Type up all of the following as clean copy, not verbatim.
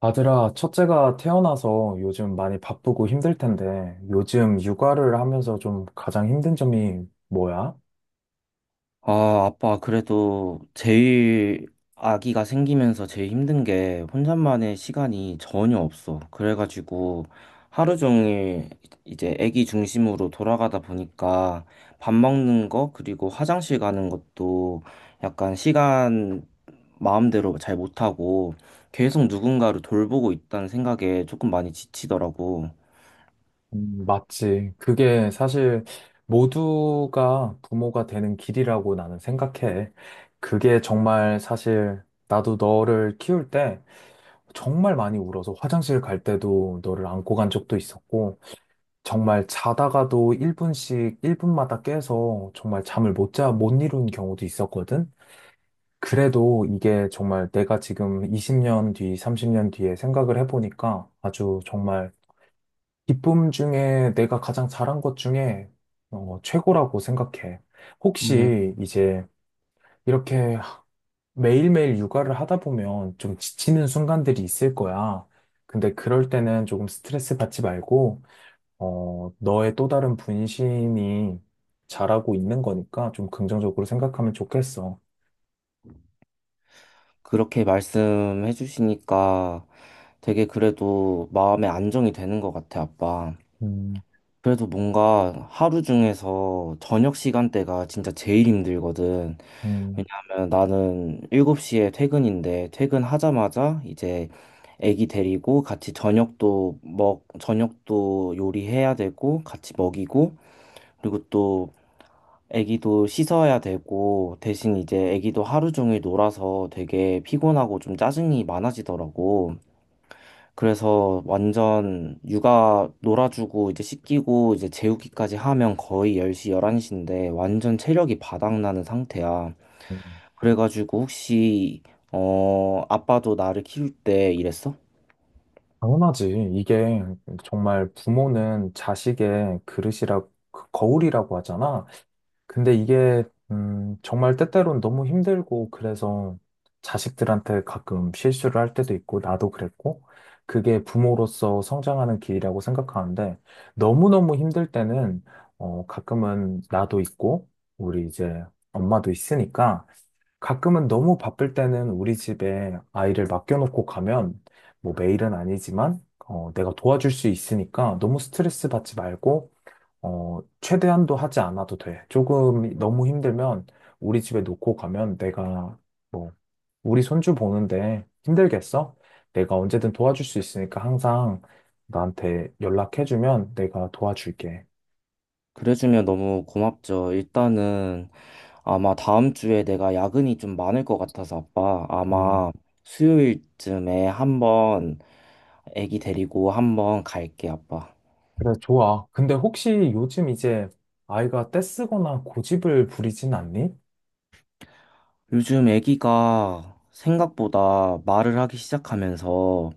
아들아, 첫째가 태어나서 요즘 많이 바쁘고 힘들 텐데, 요즘 육아를 하면서 좀 가장 힘든 점이 뭐야? 아, 아빠, 그래도 제일 아기가 생기면서 제일 힘든 게 혼자만의 시간이 전혀 없어. 그래가지고 하루 종일 이제 아기 중심으로 돌아가다 보니까 밥 먹는 거, 그리고 화장실 가는 것도 약간 시간 마음대로 잘 못하고 계속 누군가를 돌보고 있다는 생각에 조금 많이 지치더라고. 맞지. 그게 사실 모두가 부모가 되는 길이라고 나는 생각해. 그게 정말 사실 나도 너를 키울 때 정말 많이 울어서 화장실 갈 때도 너를 안고 간 적도 있었고, 정말 자다가도 1분씩, 1분마다 깨서 정말 잠을 못 이룬 경우도 있었거든? 그래도 이게 정말 내가 지금 20년 뒤, 30년 뒤에 생각을 해보니까 아주 정말 기쁨 중에 내가 가장 잘한 것 중에 최고라고 생각해. 혹시 이제 이렇게 매일매일 육아를 하다 보면 좀 지치는 순간들이 있을 거야. 근데 그럴 때는 조금 스트레스 받지 말고, 너의 또 다른 분신이 잘하고 있는 거니까 좀 긍정적으로 생각하면 좋겠어. 그렇게 말씀해 주시니까 되게 그래도 마음에 안정이 되는 것 같아, 아빠. 음, 그래도 뭔가 하루 중에서 저녁 시간대가 진짜 제일 힘들거든. 음. 왜냐하면 나는 7시에 퇴근인데 퇴근하자마자 이제 애기 데리고 같이 저녁도 요리해야 되고 같이 먹이고 그리고 또 애기도 씻어야 되고, 대신 이제 애기도 하루 종일 놀아서 되게 피곤하고 좀 짜증이 많아지더라고. 그래서 완전 육아 놀아주고 이제 씻기고 이제 재우기까지 하면 거의 10시, 11시인데 완전 체력이 바닥나는 상태야. 음. 그래가지고 혹시, 아빠도 나를 키울 때 이랬어? 당연하지. 이게 정말 부모는 자식의 그릇이라, 그 거울이라고 하잖아. 근데 이게 정말 때때로는 너무 힘들고 그래서 자식들한테 가끔 실수를 할 때도 있고 나도 그랬고 그게 부모로서 성장하는 길이라고 생각하는데 너무너무 힘들 때는 가끔은 나도 있고 우리 이제 엄마도 있으니까 가끔은 너무 바쁠 때는 우리 집에 아이를 맡겨놓고 가면 뭐 매일은 아니지만 내가 도와줄 수 있으니까 너무 스트레스 받지 말고 최대한도 하지 않아도 돼. 조금 너무 힘들면 우리 집에 놓고 가면 내가 뭐 우리 손주 보는데 힘들겠어? 내가 언제든 도와줄 수 있으니까 항상 나한테 연락해주면 내가 도와줄게. 그래주면 너무 고맙죠. 일단은 아마 다음 주에 내가 야근이 좀 많을 것 같아서 아빠 아마 음, 수요일쯤에 한번 애기 데리고 한번 갈게 아빠. 그래, 좋아. 근데 혹시 요즘 이제 아이가 떼쓰거나 고집을 부리진 않니? 요즘 애기가 생각보다 말을 하기 시작하면서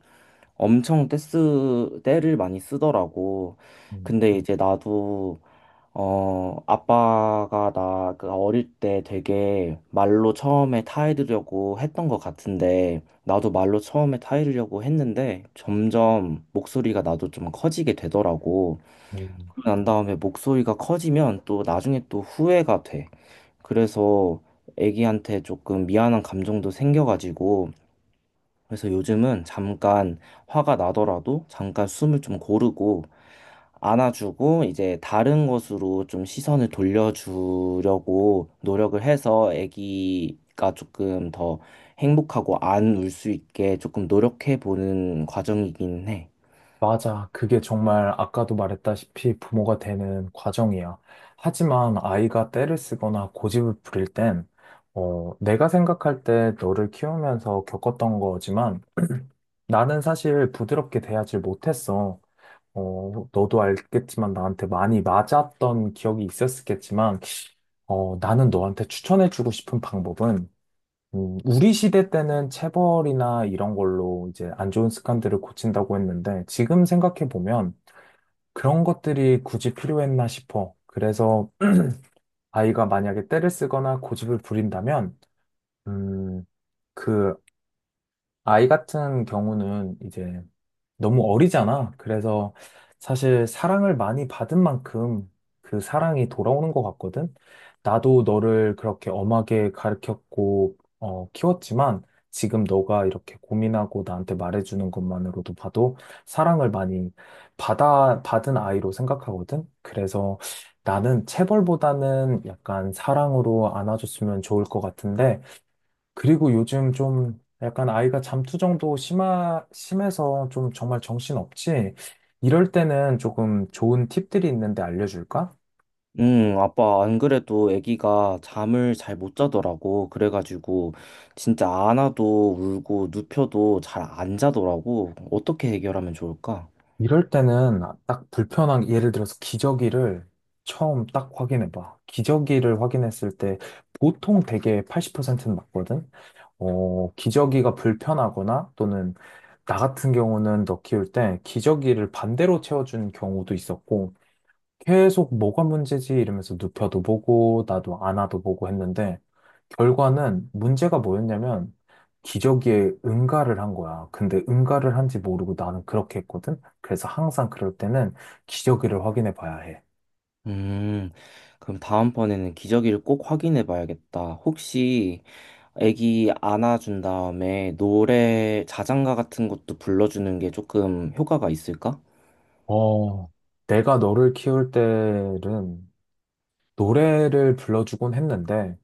엄청 떼쓰 떼를 많이 쓰더라고. 음, 근데 이제 나도 아빠가 나그 어릴 때 되게 말로 처음에 타이르려고 했던 것 같은데, 나도 말로 처음에 타이르려고 했는데, 점점 목소리가 나도 좀 커지게 되더라고. 음. 난 다음에 목소리가 커지면 또 나중에 또 후회가 돼. 그래서 애기한테 조금 미안한 감정도 생겨가지고, 그래서 요즘은 잠깐 화가 나더라도 잠깐 숨을 좀 고르고, 안아주고 이제 다른 것으로 좀 시선을 돌려주려고 노력을 해서 아기가 조금 더 행복하고 안 울 수 있게 조금 노력해 보는 과정이긴 해. 맞아. 그게 정말 아까도 말했다시피 부모가 되는 과정이야. 하지만 아이가 떼를 쓰거나 고집을 부릴 땐, 내가 생각할 때 너를 키우면서 겪었던 거지만 나는 사실 부드럽게 대하지 못했어. 너도 알겠지만 나한테 많이 맞았던 기억이 있었겠지만, 나는 너한테 추천해주고 싶은 방법은, 우리 시대 때는 체벌이나 이런 걸로 이제 안 좋은 습관들을 고친다고 했는데, 지금 생각해보면, 그런 것들이 굳이 필요했나 싶어. 그래서 아이가 만약에 떼를 쓰거나 고집을 부린다면, 음, 그 아이 같은 경우는 이제 너무 어리잖아. 그래서 사실 사랑을 많이 받은 만큼 그 사랑이 돌아오는 것 같거든. 나도 너를 그렇게 엄하게 가르쳤고, 키웠지만 지금 너가 이렇게 고민하고 나한테 말해주는 것만으로도 봐도 사랑을 많이 받은 아이로 생각하거든. 그래서 나는 체벌보다는 약간 사랑으로 안아줬으면 좋을 것 같은데, 그리고 요즘 좀 약간 아이가 잠투정도 심해서 좀 정말 정신없지? 이럴 때는 조금 좋은 팁들이 있는데 알려줄까? 아빠 안 그래도 아기가 잠을 잘 못 자더라고. 그래가지고 진짜 안아도 울고 눕혀도 잘 안 자더라고. 어떻게 해결하면 좋을까? 이럴 때는 딱 불편한, 예를 들어서 기저귀를 처음 딱 확인해봐. 기저귀를 확인했을 때 보통 되게 80%는 맞거든? 기저귀가 불편하거나 또는 나 같은 경우는 너 키울 때 기저귀를 반대로 채워준 경우도 있었고, 계속 뭐가 문제지 이러면서 눕혀도 보고 나도 안아도 보고 했는데 결과는 문제가 뭐였냐면 기저귀에 응가를 한 거야. 근데 응가를 한지 모르고 나는 그렇게 했거든. 그래서 항상 그럴 때는 기저귀를 확인해 봐야 해. 음, 그럼 다음번에는 기저귀를 꼭 확인해 봐야겠다. 혹시 애기 안아준 다음에 노래, 자장가 같은 것도 불러주는 게 조금 효과가 있을까? 어, 내가 너를 키울 때는 노래를 불러주곤 했는데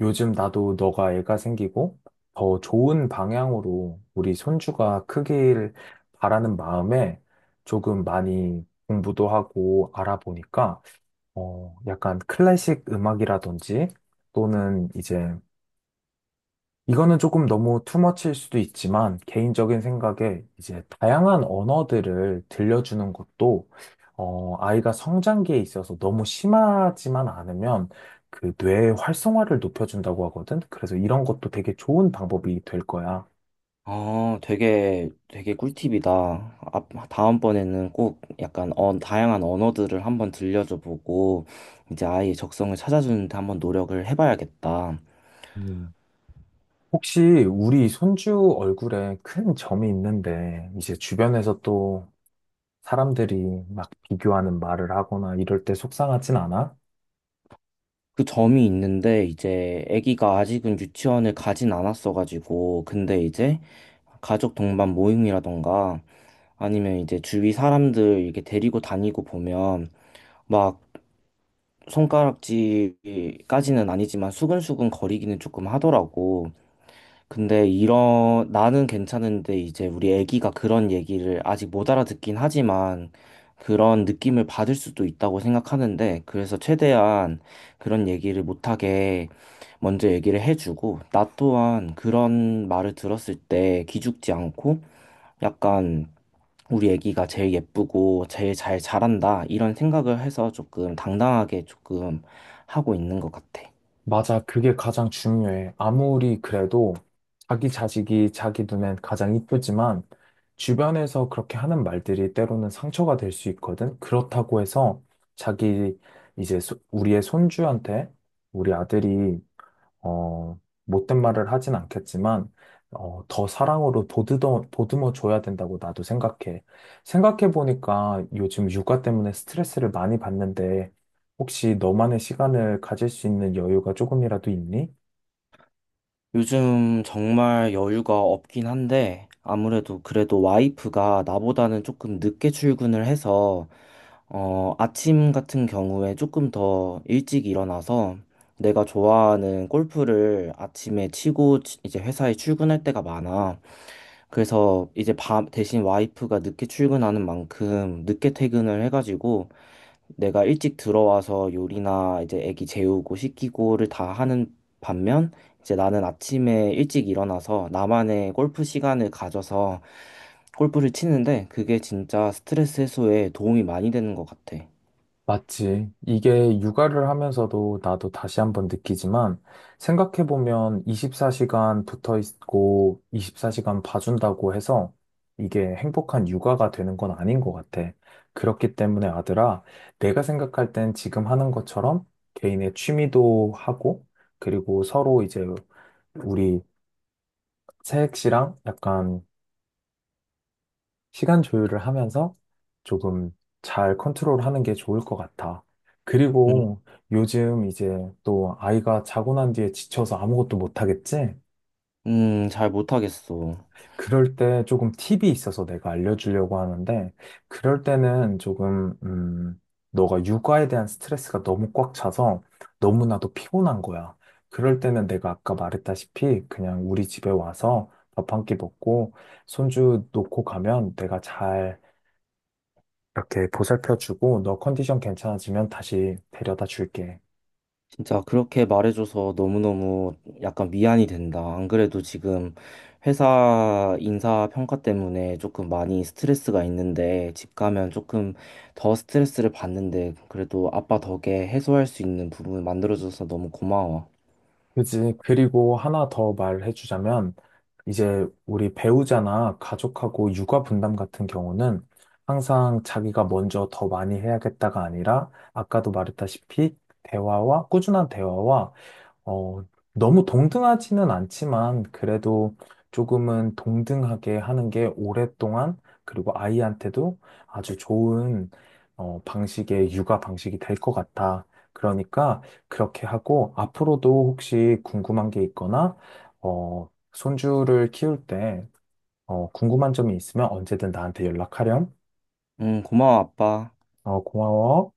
요즘 나도 너가 애가 생기고 더 좋은 방향으로 우리 손주가 크길 바라는 마음에 조금 많이 공부도 하고 알아보니까 약간 클래식 음악이라든지 또는 이제 이거는 조금 너무 투머치일 수도 있지만, 개인적인 생각에 이제 다양한 언어들을 들려주는 것도, 아이가 성장기에 있어서 너무 심하지만 않으면 그 뇌의 활성화를 높여준다고 하거든? 그래서 이런 것도 되게 좋은 방법이 될 거야. 아, 되게 꿀팁이다. 다음번에는 꼭 약간 다양한 언어들을 한번 들려줘 보고, 이제 아이의 적성을 찾아주는데 한번 노력을 해봐야겠다. 음. 혹시 우리 손주 얼굴에 큰 점이 있는데, 이제 주변에서 또 사람들이 막 비교하는 말을 하거나 이럴 때 속상하진 않아? 그 점이 있는데 이제 아기가 아직은 유치원을 가진 않았어가지고 근데 이제 가족 동반 모임이라던가 아니면 이제 주위 사람들 이렇게 데리고 다니고 보면 막 손가락질까지는 아니지만 수근수근 거리기는 조금 하더라고. 근데 이런 나는 괜찮은데 이제 우리 애기가 그런 얘기를 아직 못 알아듣긴 하지만 그런 느낌을 받을 수도 있다고 생각하는데 그래서 최대한 그런 얘기를 못하게 먼저 얘기를 해주고 나 또한 그런 말을 들었을 때 기죽지 않고 약간 우리 애기가 제일 예쁘고 제일 잘 자란다 이런 생각을 해서 조금 당당하게 조금 하고 있는 것 같아. 맞아. 그게 가장 중요해. 아무리 그래도 자기 자식이 자기 눈엔 가장 이쁘지만 주변에서 그렇게 하는 말들이 때로는 상처가 될 수 있거든. 그렇다고 해서 자기 이제 우리의 손주한테 우리 아들이 어, 못된 말을 하진 않겠지만, 더 사랑으로 보듬어 줘야 된다고 나도 생각해. 생각해보니까 요즘 육아 때문에 스트레스를 많이 받는데, 혹시 너만의 시간을 가질 수 있는 여유가 조금이라도 있니? 요즘 정말 여유가 없긴 한데, 아무래도 그래도 와이프가 나보다는 조금 늦게 출근을 해서, 아침 같은 경우에 조금 더 일찍 일어나서 내가 좋아하는 골프를 아침에 이제 회사에 출근할 때가 많아. 그래서 이제 밤 대신 와이프가 늦게 출근하는 만큼 늦게 퇴근을 해가지고 내가 일찍 들어와서 요리나 이제 애기 재우고 씻기고를 다 하는 반면 이제 나는 아침에 일찍 일어나서 나만의 골프 시간을 가져서 골프를 치는데 그게 진짜 스트레스 해소에 도움이 많이 되는 것 같아. 맞지. 이게 육아를 하면서도 나도 다시 한번 느끼지만 생각해보면 24시간 붙어 있고 24시간 봐준다고 해서 이게 행복한 육아가 되는 건 아닌 것 같아. 그렇기 때문에 아들아, 내가 생각할 땐 지금 하는 것처럼 개인의 취미도 하고 그리고 서로 이제 우리 새액씨랑 약간 시간 조율을 하면서 조금 잘 컨트롤하는 게 좋을 것 같아. 음, 그리고 요즘 이제 또 아이가 자고 난 뒤에 지쳐서 아무것도 못 하겠지? 잘 못하겠어. 그럴 때 조금 팁이 있어서 내가 알려주려고 하는데, 그럴 때는 조금, 너가 육아에 대한 스트레스가 너무 꽉 차서 너무나도 피곤한 거야. 그럴 때는 내가 아까 말했다시피 그냥 우리 집에 와서 밥 한 끼 먹고 손주 놓고 가면 내가 잘 이렇게 보살펴주고 너 컨디션 괜찮아지면 다시 데려다 줄게. 진짜 그렇게 말해줘서 너무너무 약간 미안이 된다. 안 그래도 지금 회사 인사 평가 때문에 조금 많이 스트레스가 있는데 집 가면 조금 더 스트레스를 받는데 그래도 아빠 덕에 해소할 수 있는 부분 만들어줘서 너무 고마워. 그지? 그리고 하나 더 말해주자면 이제 우리 배우자나 가족하고 육아 분담 같은 경우는 항상 자기가 먼저 더 많이 해야겠다가 아니라 아까도 말했다시피 대화와 꾸준한 대화와 어, 너무 동등하지는 않지만 그래도 조금은 동등하게 하는 게 오랫동안 그리고 아이한테도 아주 좋은 방식의 육아 방식이 될 것 같아. 그러니까 그렇게 하고 앞으로도 혹시 궁금한 게 있거나 손주를 키울 때 궁금한 점이 있으면 언제든 나한테 연락하렴. 응, 고마워, 아빠. 고마워.